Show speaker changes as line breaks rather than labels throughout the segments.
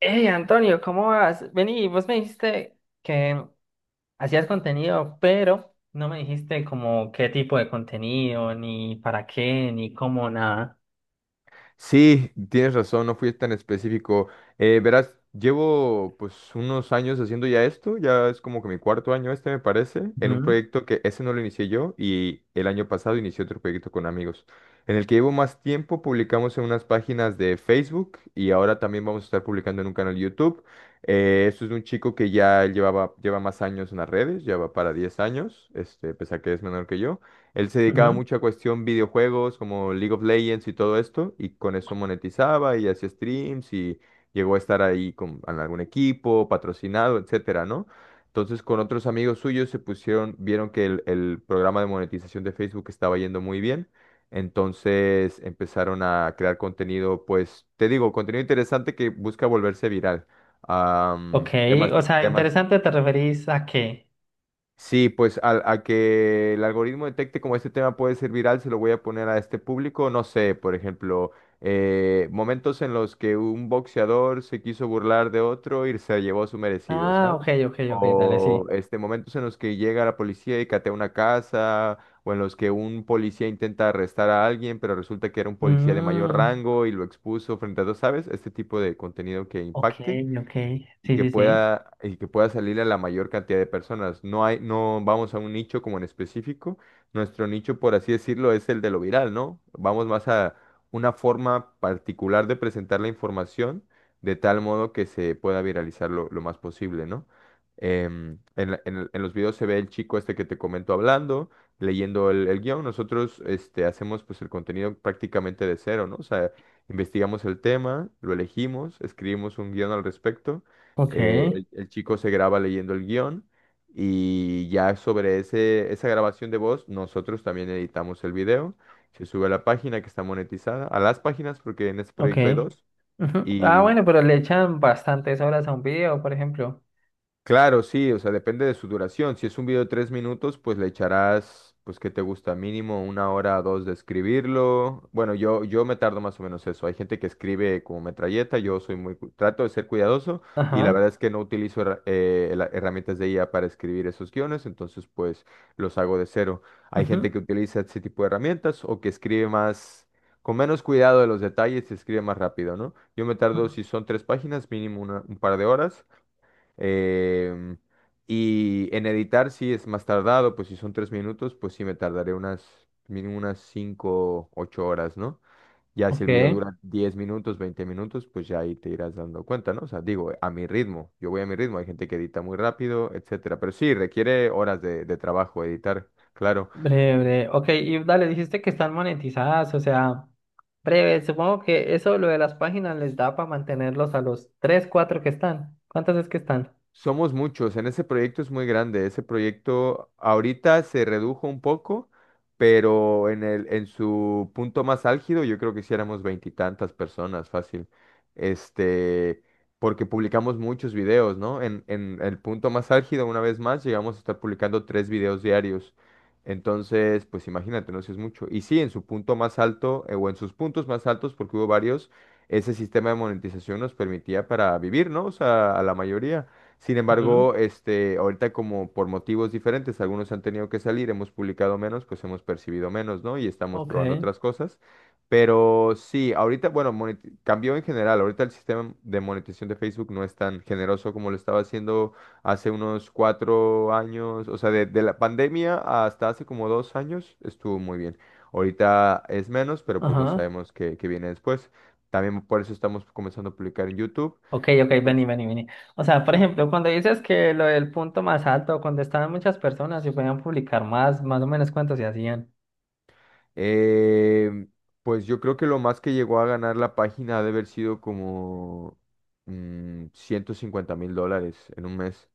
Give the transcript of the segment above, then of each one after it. Hey Antonio, ¿cómo vas? Vení, vos me dijiste que hacías contenido, pero no me dijiste como qué tipo de contenido, ni para qué, ni cómo, nada.
Sí, tienes razón, no fui tan específico. Verás, llevo pues unos años haciendo ya esto, ya es como que mi cuarto año me parece, en un
Ujú,
proyecto que ese no lo inicié yo, y el año pasado inicié otro proyecto con amigos. En el que llevo más tiempo publicamos en unas páginas de Facebook y ahora también vamos a estar publicando en un canal de YouTube. Esto es de un chico que ya él lleva más años en las redes. Lleva para 10 años, pese a que es menor que yo. Él se dedicaba
ujú.
mucho a cuestión videojuegos como League of Legends y todo esto, y con eso monetizaba y hacía streams, y llegó a estar ahí con en algún equipo, patrocinado, etcétera, ¿no? Entonces con otros amigos suyos se pusieron, vieron que el programa de monetización de Facebook estaba yendo muy bien, entonces empezaron a crear contenido, pues te digo, contenido interesante que busca volverse viral.
Ok,
Am, temas,
o sea,
temas
interesante, ¿te referís a qué?
Sí, pues que el algoritmo detecte como este tema puede ser viral, se lo voy a poner a este público. No sé, por ejemplo, momentos en los que un boxeador se quiso burlar de otro y se llevó su merecido,
Ah,
¿sabes?
ok, ok, ok, dale,
O
sí.
momentos en los que llega la policía y catea una casa, o en los que un policía intenta arrestar a alguien, pero resulta que era un policía de mayor
Mm,
rango y lo expuso frente a dos, ¿sabes? Este tipo de contenido que
ok,
impacte
ok,
y
sí,
que
sí, sí.
pueda, y que pueda salir a la mayor cantidad de personas. No hay, no vamos a un nicho como en específico. Nuestro nicho, por así decirlo, es el de lo viral, ¿no? Vamos más a una forma particular de presentar la información de tal modo que se pueda viralizar lo más posible, ¿no? En los videos se ve el chico este que te comento hablando, leyendo el guión. Nosotros hacemos pues el contenido prácticamente de cero, ¿no? O sea, investigamos el tema, lo elegimos, escribimos un guión al respecto.
Ok,
El chico se graba leyendo el guión, y ya sobre esa grabación de voz nosotros también editamos el video. Se sube a la página que está monetizada, a las páginas porque en este
ok.
proyecto hay dos.
Ujú. Ah, bueno, pero le echan bastantes horas a un video, por ejemplo.
Claro, sí, o sea, depende de su duración. Si es un video de 3 minutos, pues le echarás, pues, ¿qué te gusta? Mínimo una hora o dos de escribirlo. Bueno, yo me tardo más o menos eso. Hay gente que escribe como metralleta, yo soy muy, trato de ser cuidadoso, y la
Ajá.
verdad es que no utilizo herramientas de IA para escribir esos guiones, entonces, pues, los hago de cero. Hay gente
Ujú.
que utiliza ese tipo de herramientas o que escribe más, con menos cuidado de los detalles, se escribe más rápido, ¿no? Yo me tardo, si son 3 páginas, mínimo un par de horas. Em, y en editar sí es más tardado, pues si son 3 minutos, pues sí me tardaré mínimo unas 5, 8 horas, ¿no? Ya si el video
Ok.
dura 10 minutos, 20 minutos, pues ya ahí te irás dando cuenta, ¿no? O sea, digo, a mi ritmo, yo voy a mi ritmo, hay gente que edita muy rápido, etcétera, pero sí, requiere horas de trabajo editar, claro.
Breve, breve. Ok, y dale, dijiste que están monetizadas, o sea, breve, supongo que eso lo de las páginas les da para mantenerlos a los 3 4 que están. ¿Cuántas es que están?
Somos muchos, en ese proyecto es muy grande, ese proyecto ahorita se redujo un poco, pero en su punto más álgido yo creo que sí éramos veintitantas personas, fácil, este, porque publicamos muchos videos, ¿no? En el punto más álgido, una vez más, llegamos a estar publicando 3 videos diarios, entonces, pues imagínate, no sé, es mucho. Y sí, en su punto más alto, o en sus puntos más altos, porque hubo varios, ese sistema de monetización nos permitía para vivir, ¿no? O sea, a la mayoría. Sin
Ujú.
embargo, ahorita como por motivos diferentes, algunos han tenido que salir, hemos publicado menos, pues hemos percibido menos, ¿no? Y estamos
Ok,
probando otras cosas. Pero sí, ahorita, bueno, cambió en general. Ahorita el sistema de monetización de Facebook no es tan generoso como lo estaba haciendo hace unos 4 años. O sea, de la pandemia hasta hace como 2 años estuvo muy bien. Ahorita es menos, pero pues no
ajá.
sabemos qué viene después. También por eso estamos comenzando a publicar en YouTube.
Ok, ok,
Y
vení,
pues,
vení, vení. O sea, por
sí.
ejemplo, cuando dices que lo del punto más alto, cuando estaban muchas personas y podían publicar más, más o menos cuántos se hacían.
Eh, pues yo creo que lo más que llegó a ganar la página ha de haber sido como $150,000 en 1 mes.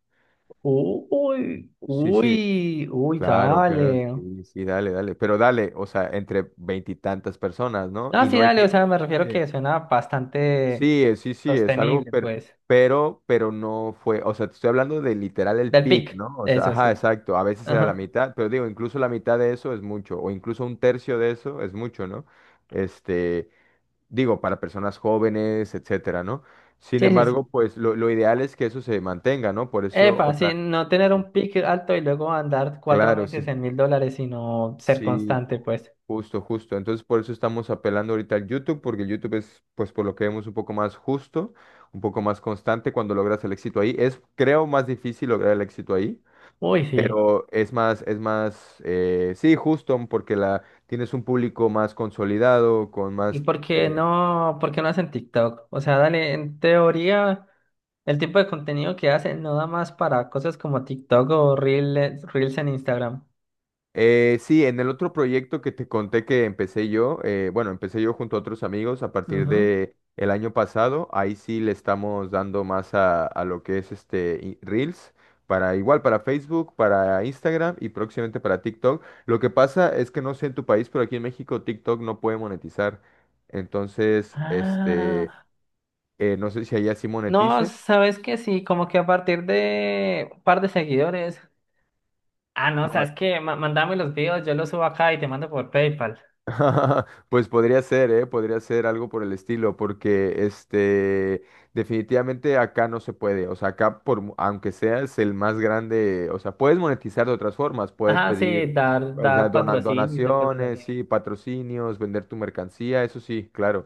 Uy,
Sí, sí,
uy, uy,
claro, claro,
dale.
sí, sí, dale, dale. Pero dale, o sea, entre veintitantas personas, ¿no?
No,
Y
sí,
no hay
dale, o
que...
sea, me refiero
Sí,
que suena bastante
sí, sí, sí, es algo,
sostenible,
pero,
pues.
pero no fue, o sea, te estoy hablando de literal el
Del
pic,
pick,
¿no? O sea,
eso
ajá,
sí.
exacto, a veces era la
Ajá.
mitad, pero digo, incluso la mitad de eso es mucho, o incluso un tercio de eso es mucho, ¿no? Este... Digo, para personas jóvenes, etcétera, ¿no? Sin
Sí, sí,
embargo,
sí.
pues lo ideal es que eso se mantenga, ¿no? Por eso, o
Epa,
sea,
sí, no tener
sí,
un pick alto y luego andar cuatro
claro,
meses
sí,
en $1000, sino ser
sí,
constante, pues.
justo, justo. Entonces, por eso estamos apelando ahorita al YouTube, porque el YouTube es, pues, por lo que vemos, un poco más justo, un poco más constante cuando logras el éxito ahí. Es, creo, más difícil lograr el éxito ahí.
Uy, sí.
Pero es más, sí, justo, porque tienes un público más consolidado, con
¿Y
más...
por qué no hacen TikTok? O sea, dale, en teoría, el tipo de contenido que hacen no da más para cosas como TikTok o Reels, Reels en Instagram.
Sí, en el otro proyecto que te conté que empecé yo, bueno, empecé yo junto a otros amigos a partir
Ujú.
de el año pasado, ahí sí le estamos dando más a lo que es Reels, para igual para Facebook, para Instagram y próximamente para TikTok. Lo que pasa es que no sé en tu país, pero aquí en México TikTok no puede monetizar. Entonces,
Ah,
no sé si allá sí
no,
monetice.
sabes que sí, como que a partir de un par de seguidores. Ah, no,
No.
sabes que mandame los videos, yo los subo acá y te mando por PayPal.
Pues podría ser, ¿eh? Podría ser algo por el estilo, porque definitivamente acá no se puede. O sea, acá, aunque seas el más grande, o sea, puedes monetizar de otras formas, puedes
Ajá, sí,
pedir,
dar,
o sea,
dar patrocinios o cosas así.
donaciones, sí, patrocinios, vender tu mercancía, eso sí, claro.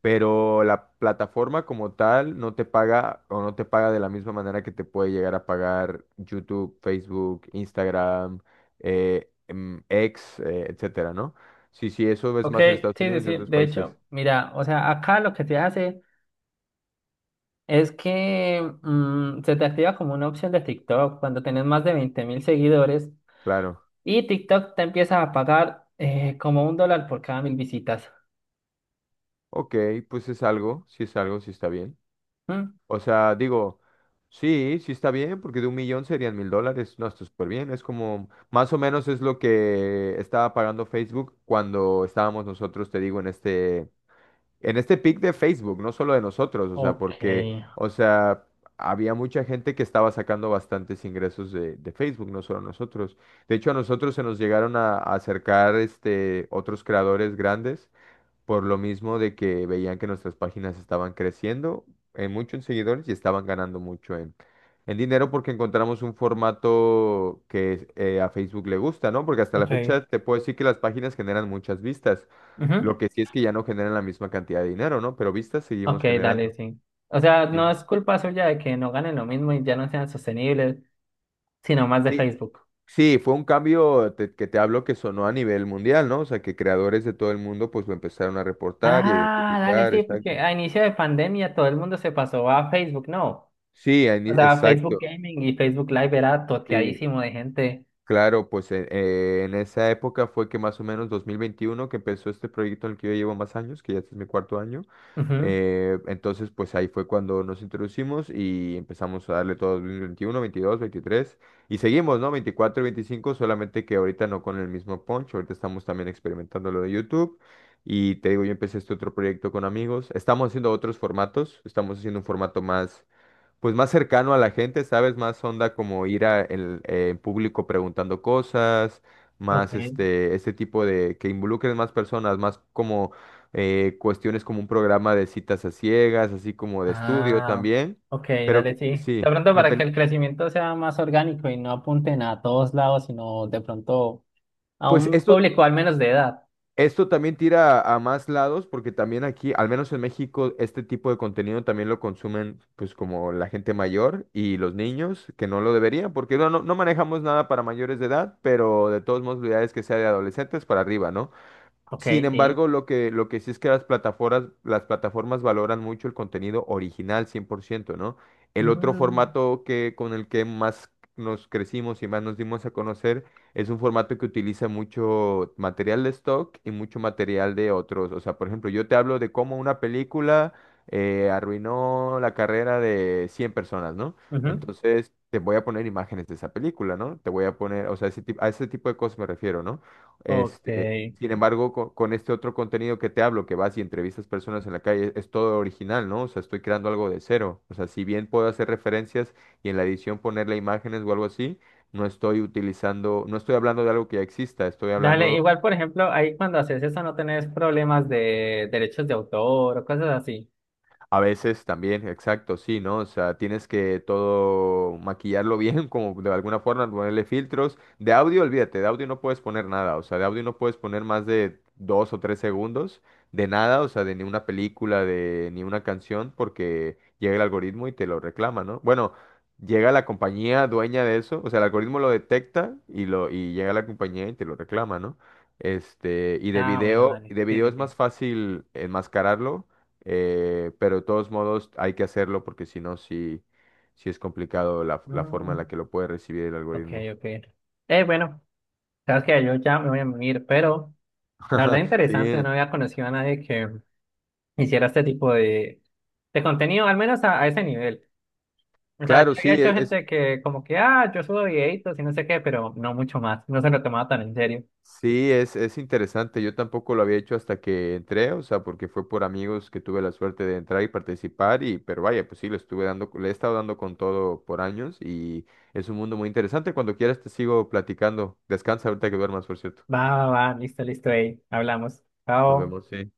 Pero la plataforma como tal no te paga, o no te paga de la misma manera que te puede llegar a pagar YouTube, Facebook, Instagram, X, etcétera, ¿no? Sí, sí, eso es
Ok,
más en Estados
sí, sí,
Unidos y en
sí.
otros
De
países.
hecho, mira, o sea, acá lo que se hace es que se te activa como una opción de TikTok cuando tenés más de 20 000 seguidores
Claro.
y TikTok te empieza a pagar como $1 por cada 1000 visitas.
Ok, pues es algo, sí está bien.
¿Mm?
O sea, digo, sí, sí está bien, porque de un millón serían $1,000. No, está súper bien. Es como, más o menos es lo que estaba pagando Facebook cuando estábamos nosotros, te digo, en este pic de Facebook, no solo de nosotros, o sea,
Ok,
porque, o sea, había mucha gente que estaba sacando bastantes ingresos de Facebook, no solo nosotros. De hecho, a nosotros se nos llegaron a acercar otros creadores grandes por lo mismo de que veían que nuestras páginas estaban creciendo en mucho en seguidores y estaban ganando mucho en dinero, porque encontramos un formato que a Facebook le gusta, ¿no? Porque hasta la
ok.
fecha te puedo decir que las páginas generan muchas vistas.
Ujú.
Lo que sí es que ya no generan la misma cantidad de dinero, ¿no? Pero vistas
Ok,
seguimos
dale,
generando.
sí. O sea, no
Sí,
es culpa suya de que no ganen lo mismo y ya no sean sostenibles, sino más de
sí,
Facebook.
sí, fue un cambio que te hablo que sonó a nivel mundial, ¿no? O sea, que creadores de todo el mundo pues lo empezaron a reportar y a
Ah, dale,
identificar,
sí,
exacto.
porque a inicio de pandemia todo el mundo se pasó a Facebook, ¿no?
Sí,
O sea, Facebook
exacto.
Gaming y Facebook Live era
Sí,
toteadísimo de gente.
claro, pues en esa época fue que más o menos 2021 que empezó este proyecto en el que yo llevo más años, que ya este es mi cuarto año.
Ujú.
Entonces, pues ahí fue cuando nos introducimos y empezamos a darle todo 2021, 22, 23, y seguimos, ¿no? 24, y 25, solamente que ahorita no con el mismo punch, ahorita estamos también experimentando lo de YouTube. Y te digo, yo empecé este otro proyecto con amigos. Estamos haciendo otros formatos, estamos haciendo un formato más, pues más cercano a la gente, ¿sabes? Más onda como en público preguntando cosas,
Ok.
más este tipo de que involucren más personas, más como cuestiones como un programa de citas a ciegas, así como de estudio
Ah,
también,
ok,
pero
dale,
que,
sí. De
sí,
pronto para que
conten-
el crecimiento sea más orgánico y no apunten a todos lados, sino de pronto a
pues
un
esto
público al menos de edad.
Esto también tira a más lados, porque también aquí, al menos en México, este tipo de contenido también lo consumen pues como la gente mayor y los niños que no lo deberían, porque no, no, no manejamos nada para mayores de edad, pero de todos modos la idea es que sea de adolescentes para arriba, ¿no?
Ok,
Sin
sí.
embargo, lo que, sí es que las plataformas valoran mucho el contenido original 100%, ¿no? El otro
Mm,
formato que, con el que más nos crecimos y más nos dimos a conocer, es un formato que utiliza mucho material de stock y mucho material de otros. O sea, por ejemplo, yo te hablo de cómo una película arruinó la carrera de 100 personas, ¿no?
ujú.
Entonces, te voy a poner imágenes de esa película, ¿no? Te voy a poner, o sea, a ese tipo de cosas me refiero, ¿no?
Ok.
Este, Sin embargo, este otro contenido que te hablo, que vas y entrevistas personas en la calle, es todo original, ¿no? O sea, estoy creando algo de cero. O sea, si bien puedo hacer referencias y en la edición ponerle imágenes o algo así, no estoy utilizando, no estoy hablando de algo que ya exista, estoy
Dale,
hablando...
igual, por ejemplo, ahí cuando haces eso no tenés problemas de derechos de autor o cosas así.
A veces también, exacto, sí, ¿no? O sea, tienes que todo maquillarlo bien, como de alguna forma, ponerle filtros. De audio, olvídate, de audio no puedes poner nada, o sea, de audio no puedes poner más de 2 o 3 segundos de nada, o sea, de ni una película, de ni una canción, porque llega el algoritmo y te lo reclama, ¿no? Bueno, llega la compañía dueña de eso, o sea, el algoritmo lo detecta y y llega la compañía y te lo reclama, ¿no? Y de
Ah, bueno,
video, y
dale.
de
Sí,
video
sí,
es
sí.
más fácil enmascararlo, pero de todos modos hay que hacerlo, porque si no, sí, sí es complicado la forma
No,
en la que lo puede recibir el
ok,
algoritmo.
ok. Bueno, sabes que yo ya me voy a unir, pero la verdad interesante,
Sí,
no había conocido a nadie que hiciera este tipo de contenido, al menos a ese nivel. O sea, yo
claro,
había
sí,
hecho
es, es-
gente que como que, ah, yo subo videitos y no sé qué, pero no mucho más. No se lo tomaba tan en serio.
sí, es, es interesante. Yo tampoco lo había hecho hasta que entré, o sea, porque fue por amigos que tuve la suerte de entrar y participar, pero vaya, pues sí, le he estado dando con todo por años, y es un mundo muy interesante. Cuando quieras te sigo platicando. Descansa ahorita que duermas, por cierto.
Va, va, va, listo, listo, ahí. Hablamos.
Nos
Chao.
vemos, sí.